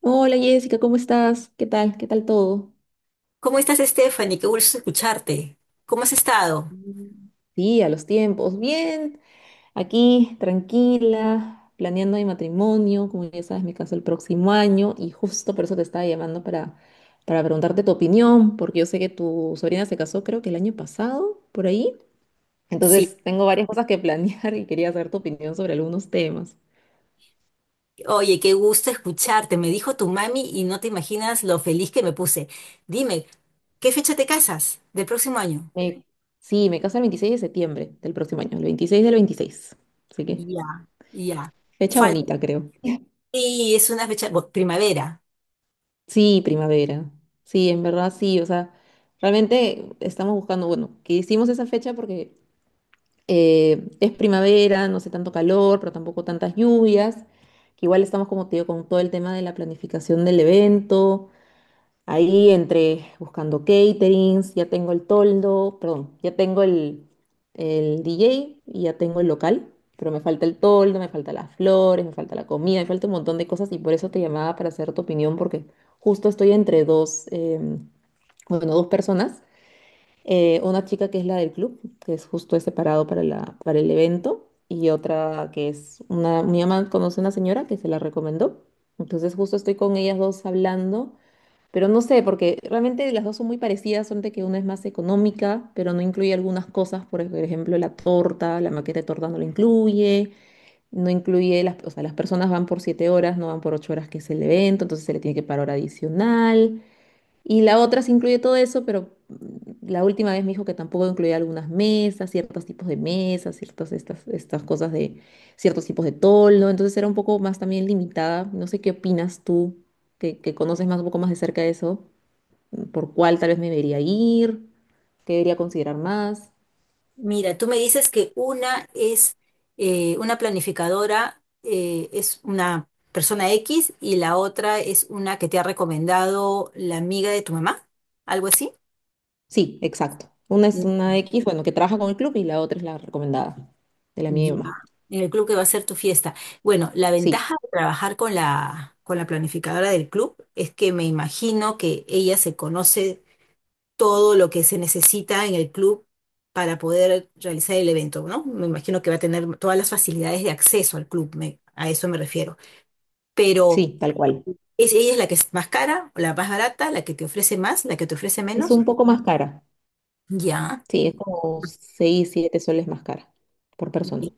Hola Jessica, ¿cómo estás? ¿Qué tal? ¿Qué tal todo? ¿Cómo estás, Stephanie? Qué gusto escucharte. ¿Cómo has estado? Mm. Sí, a los tiempos. Bien, aquí tranquila, planeando mi matrimonio. Como ya sabes, me caso el próximo año y justo por eso te estaba llamando para preguntarte tu opinión, porque yo sé que tu sobrina se casó creo que el año pasado, por ahí. Sí, Entonces tengo varias cosas que planear y quería saber tu opinión sobre algunos temas. oye, qué gusto escucharte. Me dijo tu mami y no te imaginas lo feliz que me puse. Dime, ¿qué fecha te casas del próximo año? Me- sí, me caso el 26 de septiembre del próximo año, el 26 del 26. Así que Ya, ya. fecha Falta. bonita, creo. Sí, es una fecha, bueno, primavera. Sí, primavera. Sí, en verdad sí. O sea, realmente estamos buscando, bueno, que hicimos esa fecha porque es primavera, no hace tanto calor, pero tampoco tantas lluvias. Que igual estamos, como te digo, con todo el tema de la planificación del evento. Ahí entre buscando caterings, ya tengo el toldo, perdón, ya tengo el DJ y ya tengo el local, pero me falta el toldo, me falta las flores, me falta la comida, me falta un montón de cosas y por eso te llamaba para hacer tu opinión porque justo estoy entre dos, bueno, dos personas, una chica que es la del club, que es justo es separado para para el evento y otra que es mi mamá conoce a una señora que se la recomendó, entonces justo estoy con ellas dos hablando pero no sé, porque realmente las dos son muy parecidas, solamente que una es más económica, pero no incluye algunas cosas, por ejemplo, la torta, la maqueta de torta no la incluye, no incluye o sea, las personas van por 7 horas, no van por 8 horas que es el evento, entonces se le tiene que pagar hora adicional. Y la otra sí incluye todo eso, pero la última vez me dijo que tampoco incluía algunas mesas, ciertos tipos de mesas, estas cosas de ciertos tipos de toldo, entonces era un poco más también limitada. No sé qué opinas tú, que conoces más un poco más de cerca de eso por cuál tal vez me debería ir, qué debería considerar más. Mira, tú me dices que una es una planificadora, es una persona X y la otra es una que te ha recomendado la amiga de tu mamá, algo así. Sí, exacto. Una es una X, bueno, que trabaja con el club y la otra es la recomendada de la mía y mi Ya, mamá. en el club que va a ser tu fiesta. Bueno, la Sí, ventaja de trabajar con la planificadora del club es que me imagino que ella se conoce todo lo que se necesita en el club para poder realizar el evento, ¿no? Me imagino que va a tener todas las facilidades de acceso al club, a eso me refiero. Pero sí, tal cual. ¿es, ella es la que es más cara, la más barata, la que te ofrece más, la que te ofrece Es menos? un poco más cara. Ya. Sí, es como 6 7 soles más cara por persona.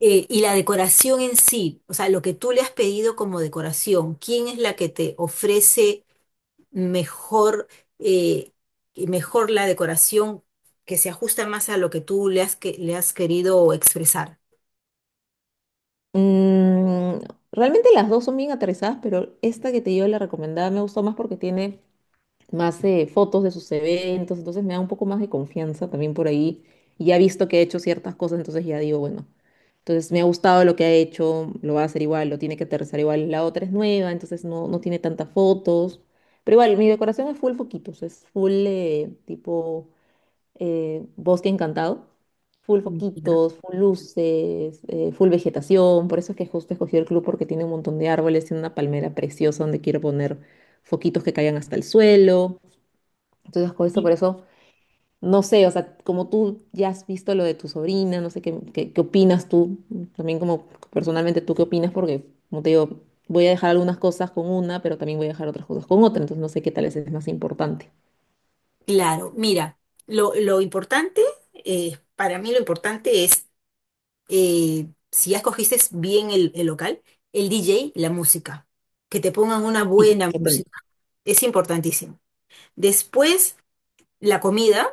Y la decoración en sí, o sea, lo que tú le has pedido como decoración, ¿quién es la que te ofrece mejor, eh, mejor la decoración que se ajusta más a lo que tú le has, que, le has querido expresar? Mm, realmente las dos son bien aterrizadas, pero esta que te dio la recomendada me gustó más porque tiene más fotos de sus eventos, entonces me da un poco más de confianza también por ahí. Y ya he visto que he hecho ciertas cosas, entonces ya digo, bueno, entonces me ha gustado lo que ha hecho, lo va a hacer igual, lo tiene que aterrizar igual. La otra es nueva, entonces no tiene tantas fotos. Pero igual, mi decoración es full foquitos, es full tipo bosque encantado, full Ya. foquitos, full luces, full vegetación. Por eso es que justo escogí el club porque tiene un montón de árboles y una palmera preciosa donde quiero poner foquitos que caigan hasta el suelo. Entonces, con esto, Y- por eso, no sé, o sea, como tú ya has visto lo de tu sobrina, no sé qué opinas tú, también como personalmente tú qué opinas, porque como te digo, voy a dejar algunas cosas con una, pero también voy a dejar otras cosas con otra, entonces no sé qué tal es más importante. Claro, mira, lo importante, para mí lo importante es, si ya escogiste bien el local, el DJ, la música, que te pongan una Sí, buena que tengo. música, es importantísimo. Después... la comida,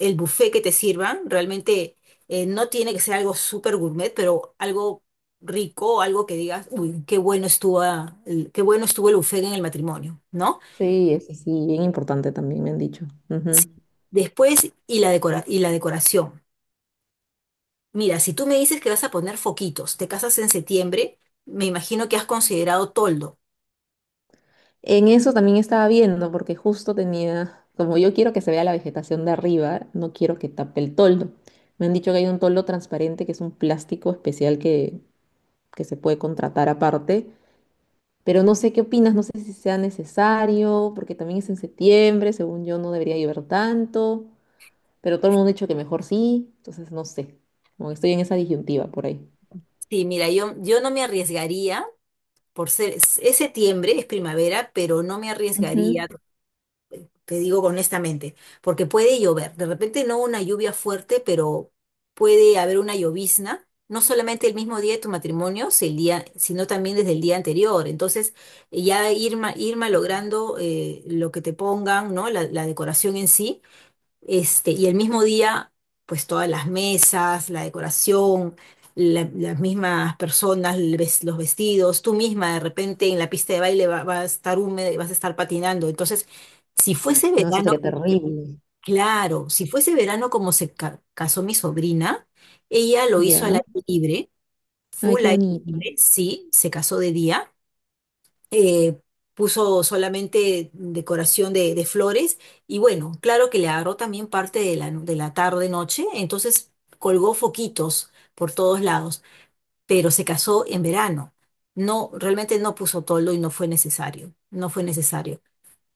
el buffet que te sirvan, realmente no tiene que ser algo súper gourmet, pero algo rico, algo que digas, uy, qué bueno estuvo, ah, qué bueno estuvo el buffet en el matrimonio, ¿no? Sí, es sí, bien importante también me han dicho. Sí. Ujú. Después, y y la decoración. Mira, si tú me dices que vas a poner foquitos, te casas en septiembre, me imagino que has considerado toldo. En eso también estaba viendo, porque justo tenía, como yo quiero que se vea la vegetación de arriba, no quiero que tape el toldo. Me han dicho que hay un toldo transparente que es un plástico especial que se puede contratar aparte, pero no sé qué opinas, no sé si sea necesario, porque también es en septiembre, según yo no debería llover tanto, pero todo el mundo ha dicho que mejor sí, entonces no sé, como que estoy en esa disyuntiva por ahí. Sí, mira, yo no me arriesgaría por ser, es septiembre, es primavera, pero no me Ujú. arriesgaría te digo honestamente, porque puede llover, de repente no una lluvia fuerte, pero puede haber una llovizna, no solamente el mismo día de tu matrimonio, si el día- sino también desde el día anterior. Entonces, ir malogrando lo que te pongan, ¿no? La decoración en sí este, y el mismo día, pues todas las mesas, la decoración, las mismas personas, los vestidos, tú misma de repente en la pista de baile va a estar húmeda y vas a estar patinando. Entonces, si fuese No, eso verano, sería terrible. claro, si fuese verano como casó mi sobrina, ella lo hizo al Ya. aire libre, Ay, full qué aire bonito. libre, sí, se casó de día eh, puso solamente decoración de flores y bueno, claro que le agarró también parte de de la tarde-noche, entonces colgó foquitos por todos lados, pero se casó en verano. No, realmente no puso toldo y no fue necesario, no fue necesario,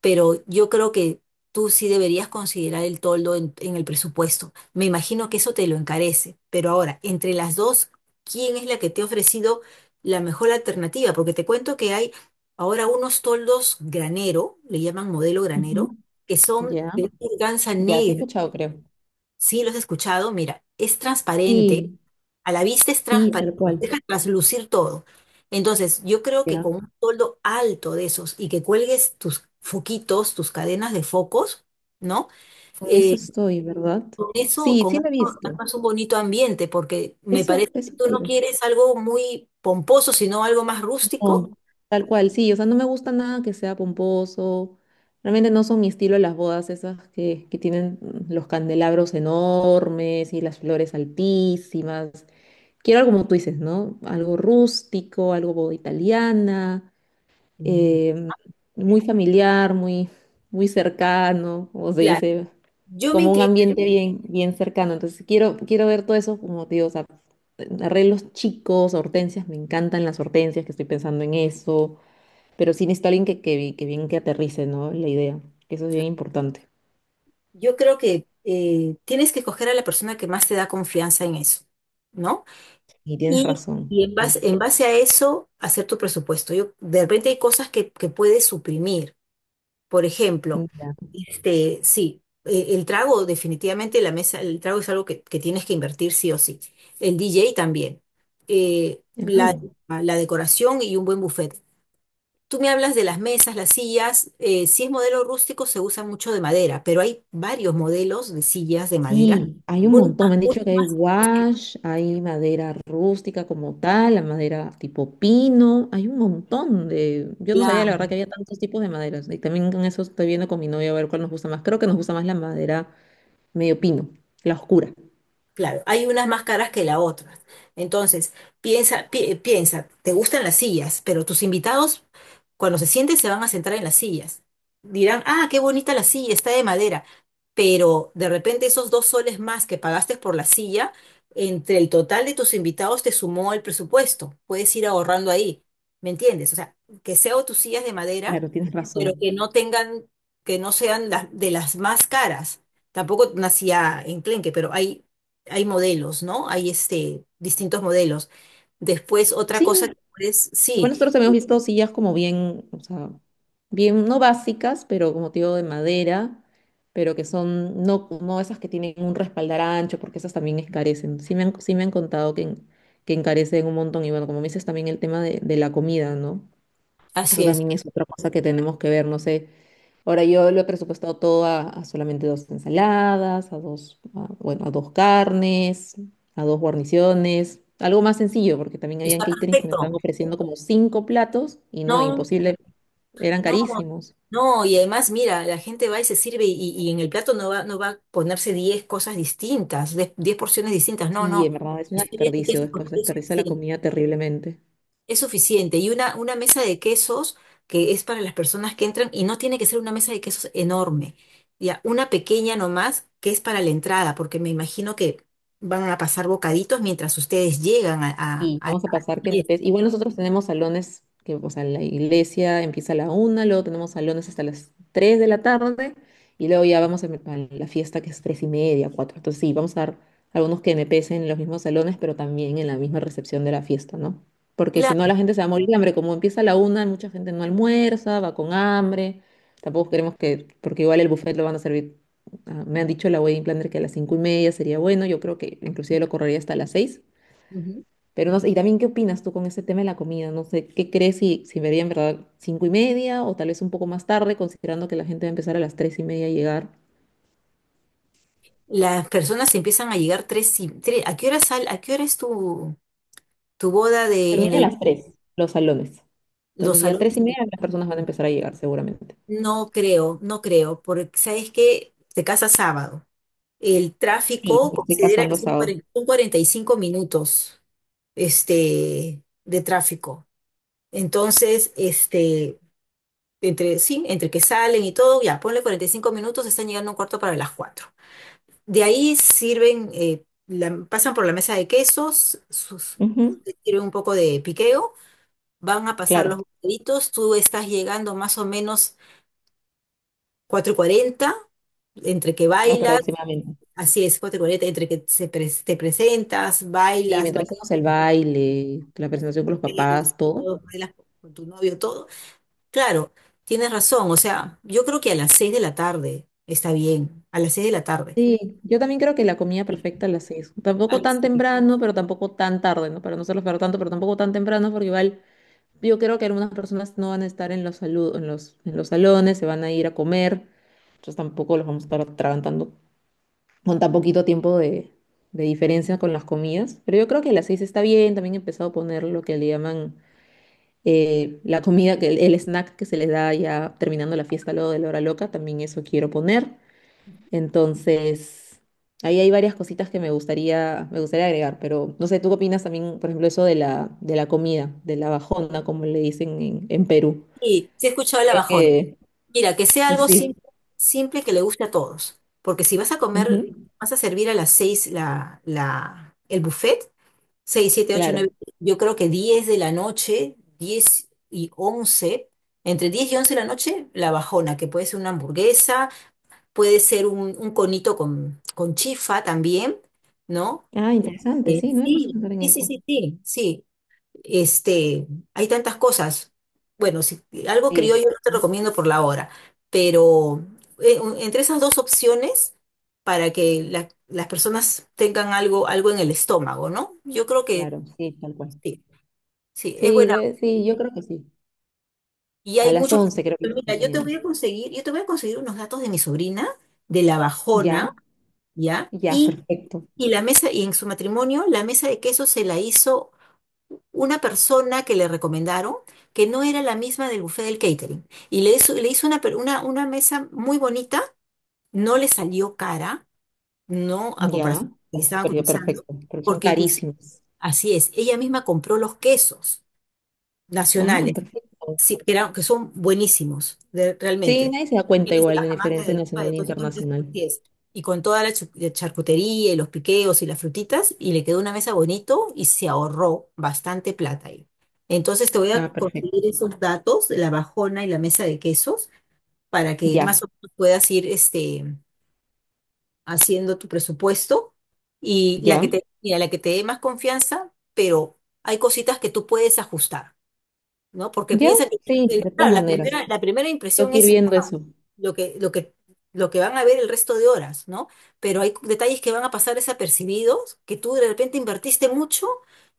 pero yo creo que tú sí deberías considerar el toldo en el presupuesto. Me imagino que eso te lo encarece, pero ahora, entre las dos, ¿quién es la que te ha ofrecido la mejor alternativa? Porque te cuento que hay ahora unos toldos granero, le llaman modelo granero, Ujú. que son Ya. de una organza Ya, sí he negra. escuchado, creo. Sí, los he escuchado, mira, es transparente, Sí, a la vista es sí, transparente, tal cual. deja traslucir todo. Entonces, yo creo que Ya. con un toldo alto de esos y que cuelgues tus foquitos, tus cadenas de focos, ¿no? Con eso Eh, estoy, ¿verdad? Sí, con sí eso lo he visto. armas un bonito ambiente, porque me Eso, parece que eso tú no quiero. quieres algo muy pomposo, sino algo más rústico. No, tal cual, sí, o sea, no me gusta nada que sea pomposo. Realmente no son mi estilo las bodas esas que tienen los candelabros enormes y las flores altísimas. Quiero algo como tú dices, ¿no? Algo rústico, algo boda italiana, Mm, em, muy familiar, muy, muy cercano, como se claro, dice, yo me como un inclino, ambiente bien, bien cercano. Entonces quiero ver todo eso, como te digo, o sea, arreglos chicos, hortensias, me encantan las hortensias, que estoy pensando en eso. Pero sí necesito alguien que bien que aterrice, ¿no? La idea. Eso es bien importante. yo creo que tienes que escoger a la persona que más te da confianza en eso, ¿no? Y tienes Y, razón. y Sí. En base a eso, hacer tu presupuesto. Yo, de repente hay cosas que puedes suprimir. Por ejemplo, Mira. este, sí, el trago, definitivamente la mesa, el trago es algo que tienes que invertir sí o sí. El DJ también. Eh, la, Ah, la decoración y un buen buffet. Tú me hablas de las mesas, las sillas. Si es modelo rústico, se usa mucho de madera, pero hay varios modelos de sillas de madera. sí, hay un montón. Me han dicho Unas que hay más wash, hay madera rústica como tal, la madera tipo pino. Hay un montón de. Yo no sabía, la verdad, que había tantos tipos de maderas. Y también con eso estoy viendo con mi novia a ver cuál nos gusta más. Creo que nos gusta más la madera medio pino, la oscura. claro, hay unas más caras que las otras. Entonces, piensa, te gustan las sillas, pero tus invitados, cuando se sienten, se van a sentar en las sillas. Dirán, ah, qué bonita la silla, está de madera. Pero de repente esos dos soles más que pagaste por la silla, entre el total de tus invitados te sumó el presupuesto. Puedes ir ahorrando ahí, ¿me entiendes? O sea, que sea o tus sillas de madera, Claro, tienes pero razón. que no tengan, que no sean las de las más caras. Tampoco nacía enclenque, pero hay modelos, ¿no? Hay este, distintos modelos. Después, otra cosa que Sí, puedes, y bueno sí, nosotros habíamos visto sillas como bien, o sea, bien, no básicas, pero como te digo, de madera, pero que son, no, no esas que tienen un respaldar ancho, porque esas también escarecen. Sí me han contado que, que encarecen un montón. Y bueno, como me dices también el tema de la comida, ¿no? Eso así es, también es otra cosa que tenemos que ver. No sé, ahora yo lo he presupuestado todo a solamente dos ensaladas, bueno, a dos carnes, a dos guarniciones, algo más sencillo, porque también habían está caterings que me estaban perfecto. ofreciendo como cinco platos y no, No, imposible, eran no, carísimos. no, y además, mira, la gente va y se sirve y en el plato no va, no va a ponerse 10 cosas distintas, 10 porciones distintas, no, Sí, no. en verdad es un Estoy bien que desperdicio, es después desperdicia la suficiente. comida terriblemente. Es suficiente. Y una mesa de quesos que es para las personas que entran y no tiene que ser una mesa de quesos enorme. Ya, una pequeña nomás que es para la entrada, porque me imagino que van a pasar bocaditos mientras ustedes llegan Y a vamos a la pasar que fiesta. después, igual nosotros tenemos salones que, o sea, la iglesia empieza a la una, luego tenemos salones hasta las 3 de la tarde y luego ya vamos a la fiesta que es tres y media, cuatro. Entonces sí, vamos a dar algunos que me pesen en los mismos salones, pero también en la misma recepción de la fiesta, ¿no? Porque si no Claro. la gente se va a morir de hambre, como empieza a la una, mucha gente no almuerza, va con hambre. Tampoco queremos que, porque igual el buffet lo van a servir, ah, me han dicho la wedding planner que a las 5:30 sería bueno, yo creo que inclusive lo correría hasta las seis Ujú. pero no sé, y también, ¿qué opinas tú con ese tema de la comida? No sé, ¿qué crees si vería en verdad 5:30 o tal vez un poco más tarde, considerando que la gente va a empezar a las 3:30 a llegar? Las personas empiezan a llegar tres y tres. ¿A qué hora sal, a qué hora es tu, tu boda de en Termina a las tres, los salones. los Entonces ya salones? 3:30 las personas van a empezar a llegar seguramente. No creo, no creo, porque sabes que te casas sábado. El Sí, tráfico me estoy considera que casando son sábado. Son 45 minutos este, de tráfico. Entonces, este, entre, sí, entre que salen y todo, ya, ponle 45 minutos, están llegando a un cuarto para las cuatro. De ahí sirven, pasan por la mesa de quesos, sus, Ujú, sirven un poco de piqueo, van a pasar los claro, bocaditos, tú estás llegando más o menos cuatro y cuarenta entre que bailas, aproximadamente. así es, cuatricoleta, entre que te presentas, Y bailas, mientras bailas, hacemos el baile, la bailas, presentación con los bailas papás, todo. todo, bailas con tu novio, todo. Claro, tienes razón, o sea, yo creo que a las seis de la tarde está bien, a las seis de la tarde. Sí, yo también creo que la comida Sí, perfecta a las seis. a Tampoco las tan seis. temprano, pero tampoco tan tarde, ¿no? Para no hacerlo esperar tanto, pero tampoco tan temprano, porque igual yo creo que algunas personas no van a estar en los, en los salones, se van a ir a comer, entonces tampoco los vamos a estar atragantando con tan poquito tiempo de diferencia con las comidas. Pero yo creo que a las seis está bien, también he empezado a poner lo que le llaman la comida, que el snack que se les da ya terminando la fiesta luego de la hora loca, también eso quiero poner. Entonces, ahí hay varias cositas que me gustaría agregar, pero no sé, ¿tú qué opinas también, por ejemplo, eso de la comida, de la bajona, como le dicen en Perú? Sí, sí he escuchado la Ves que bajona. Mira, que sea algo sí, simple, simple que le guste a todos, porque si vas a comer, ujú, vas a servir a las seis el buffet, 6 siete 8 nueve, claro. yo creo que 10 de la noche, 10 y once, entre 10 y 11 de la noche, la bajona, que puede ser una hamburguesa, puede ser un conito con chifa también, ¿no? Ah, interesante, sí, no me puesto a Sí, pensar en sí, sí, eso. sí, sí, sí. Este, hay tantas cosas. Bueno, si algo Sí, criollo no te recomiendo por la hora, pero entre esas dos opciones, para que las personas tengan algo, algo en el estómago, ¿no? Yo creo que... claro, sí, tal cual. sí. Sí, es Sí, buena. debe- sí, yo creo que sí. Y A hay las muchos. 11 creo que me estoy Mira, yo te poniendo. voy a conseguir, yo te voy a conseguir unos datos de mi sobrina, de la Bajona, Ya, ¿ya? ya, perfecto. Y la mesa, y en su matrimonio, la mesa de queso se la hizo una persona que le recomendaron, que no era la misma del buffet del catering. Y le hizo una, una mesa muy bonita, no le salió cara, no a comparación Ya, de lo que le ese estaban periodo cotizando, perfecto, pero son porque inclusive, carísimos. así es, ella misma compró los quesos Ah, nacionales. perfecto. Sí, que, que son buenísimos, Sí, realmente. nadie se da cuenta Tienes de igual de la Cajamarca, diferencia del Tupa, de nacional e todos sitios donde te internacional. pides. Y con toda la charcutería y los piqueos y las frutitas, y le quedó una mesa bonito y se ahorró bastante plata ahí. Entonces te voy a Ah, perfecto. conseguir esos datos, la bajona y la mesa de quesos, para que más Ya, o menos puedas ir este, haciendo tu presupuesto. Y la que ya, te, mira, la que te dé más confianza, pero hay cositas que tú puedes ajustar. ¿No? Porque ya, piensan que, sí, de todas claro, maneras. La primera Tengo impresión que ir es viendo eso. lo que, lo que, lo que van a ver el resto de horas, ¿no? Pero hay detalles que van a pasar desapercibidos, que tú de repente invertiste mucho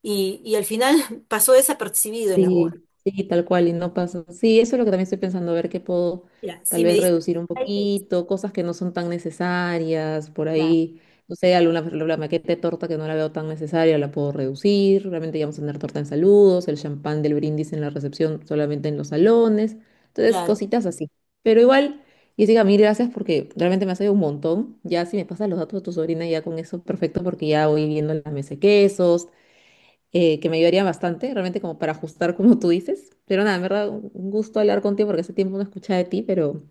y al final pasó desapercibido en la boda. Sí, sí, tal cual, y no pasa. Sí, eso es lo que también estoy pensando, a ver qué puedo Mira, tal si me vez dices, reducir un poquito, cosas que no son tan necesarias, por claro, ahí, no sé, alguna la maqueta de torta que no la veo tan necesaria, la puedo reducir, realmente ya vamos a tener torta en saludos, el champán del brindis en la recepción solamente en los salones, entonces claro, cositas así. Pero igual, Jessica, mil gracias porque realmente me has ayudado un montón, ya si me pasas los datos de tu sobrina ya con eso, perfecto, porque ya voy viendo la mesa de quesos que me ayudarían bastante, realmente como para ajustar como tú dices. Pero nada, en verdad, un gusto hablar contigo porque hace tiempo no escuchaba de ti, pero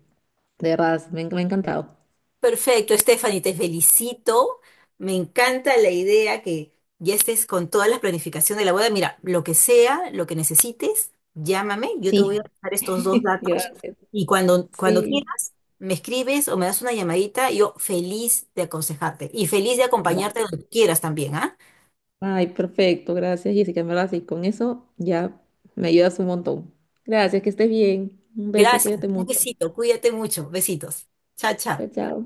de verdad, me ha encantado. perfecto, Stephanie, te felicito. Me encanta la idea que ya estés con toda la planificación de la boda. Mira, lo que sea, lo que necesites, llámame. Yo te voy a Sí, pasar estos dos datos gracias. y cuando, cuando Sí. quieras, me escribes o me das una llamadita. Yo feliz de aconsejarte y feliz de acompañarte Ya. donde quieras también, ¿ah? Ay, perfecto, gracias Jessica, en verdad, sí, con eso ya me ayudas un montón. Gracias, que estés bien. Un beso, Gracias. cuídate Un mucho. besito. Cuídate mucho. Besitos. Chao, chao. Chao, chao.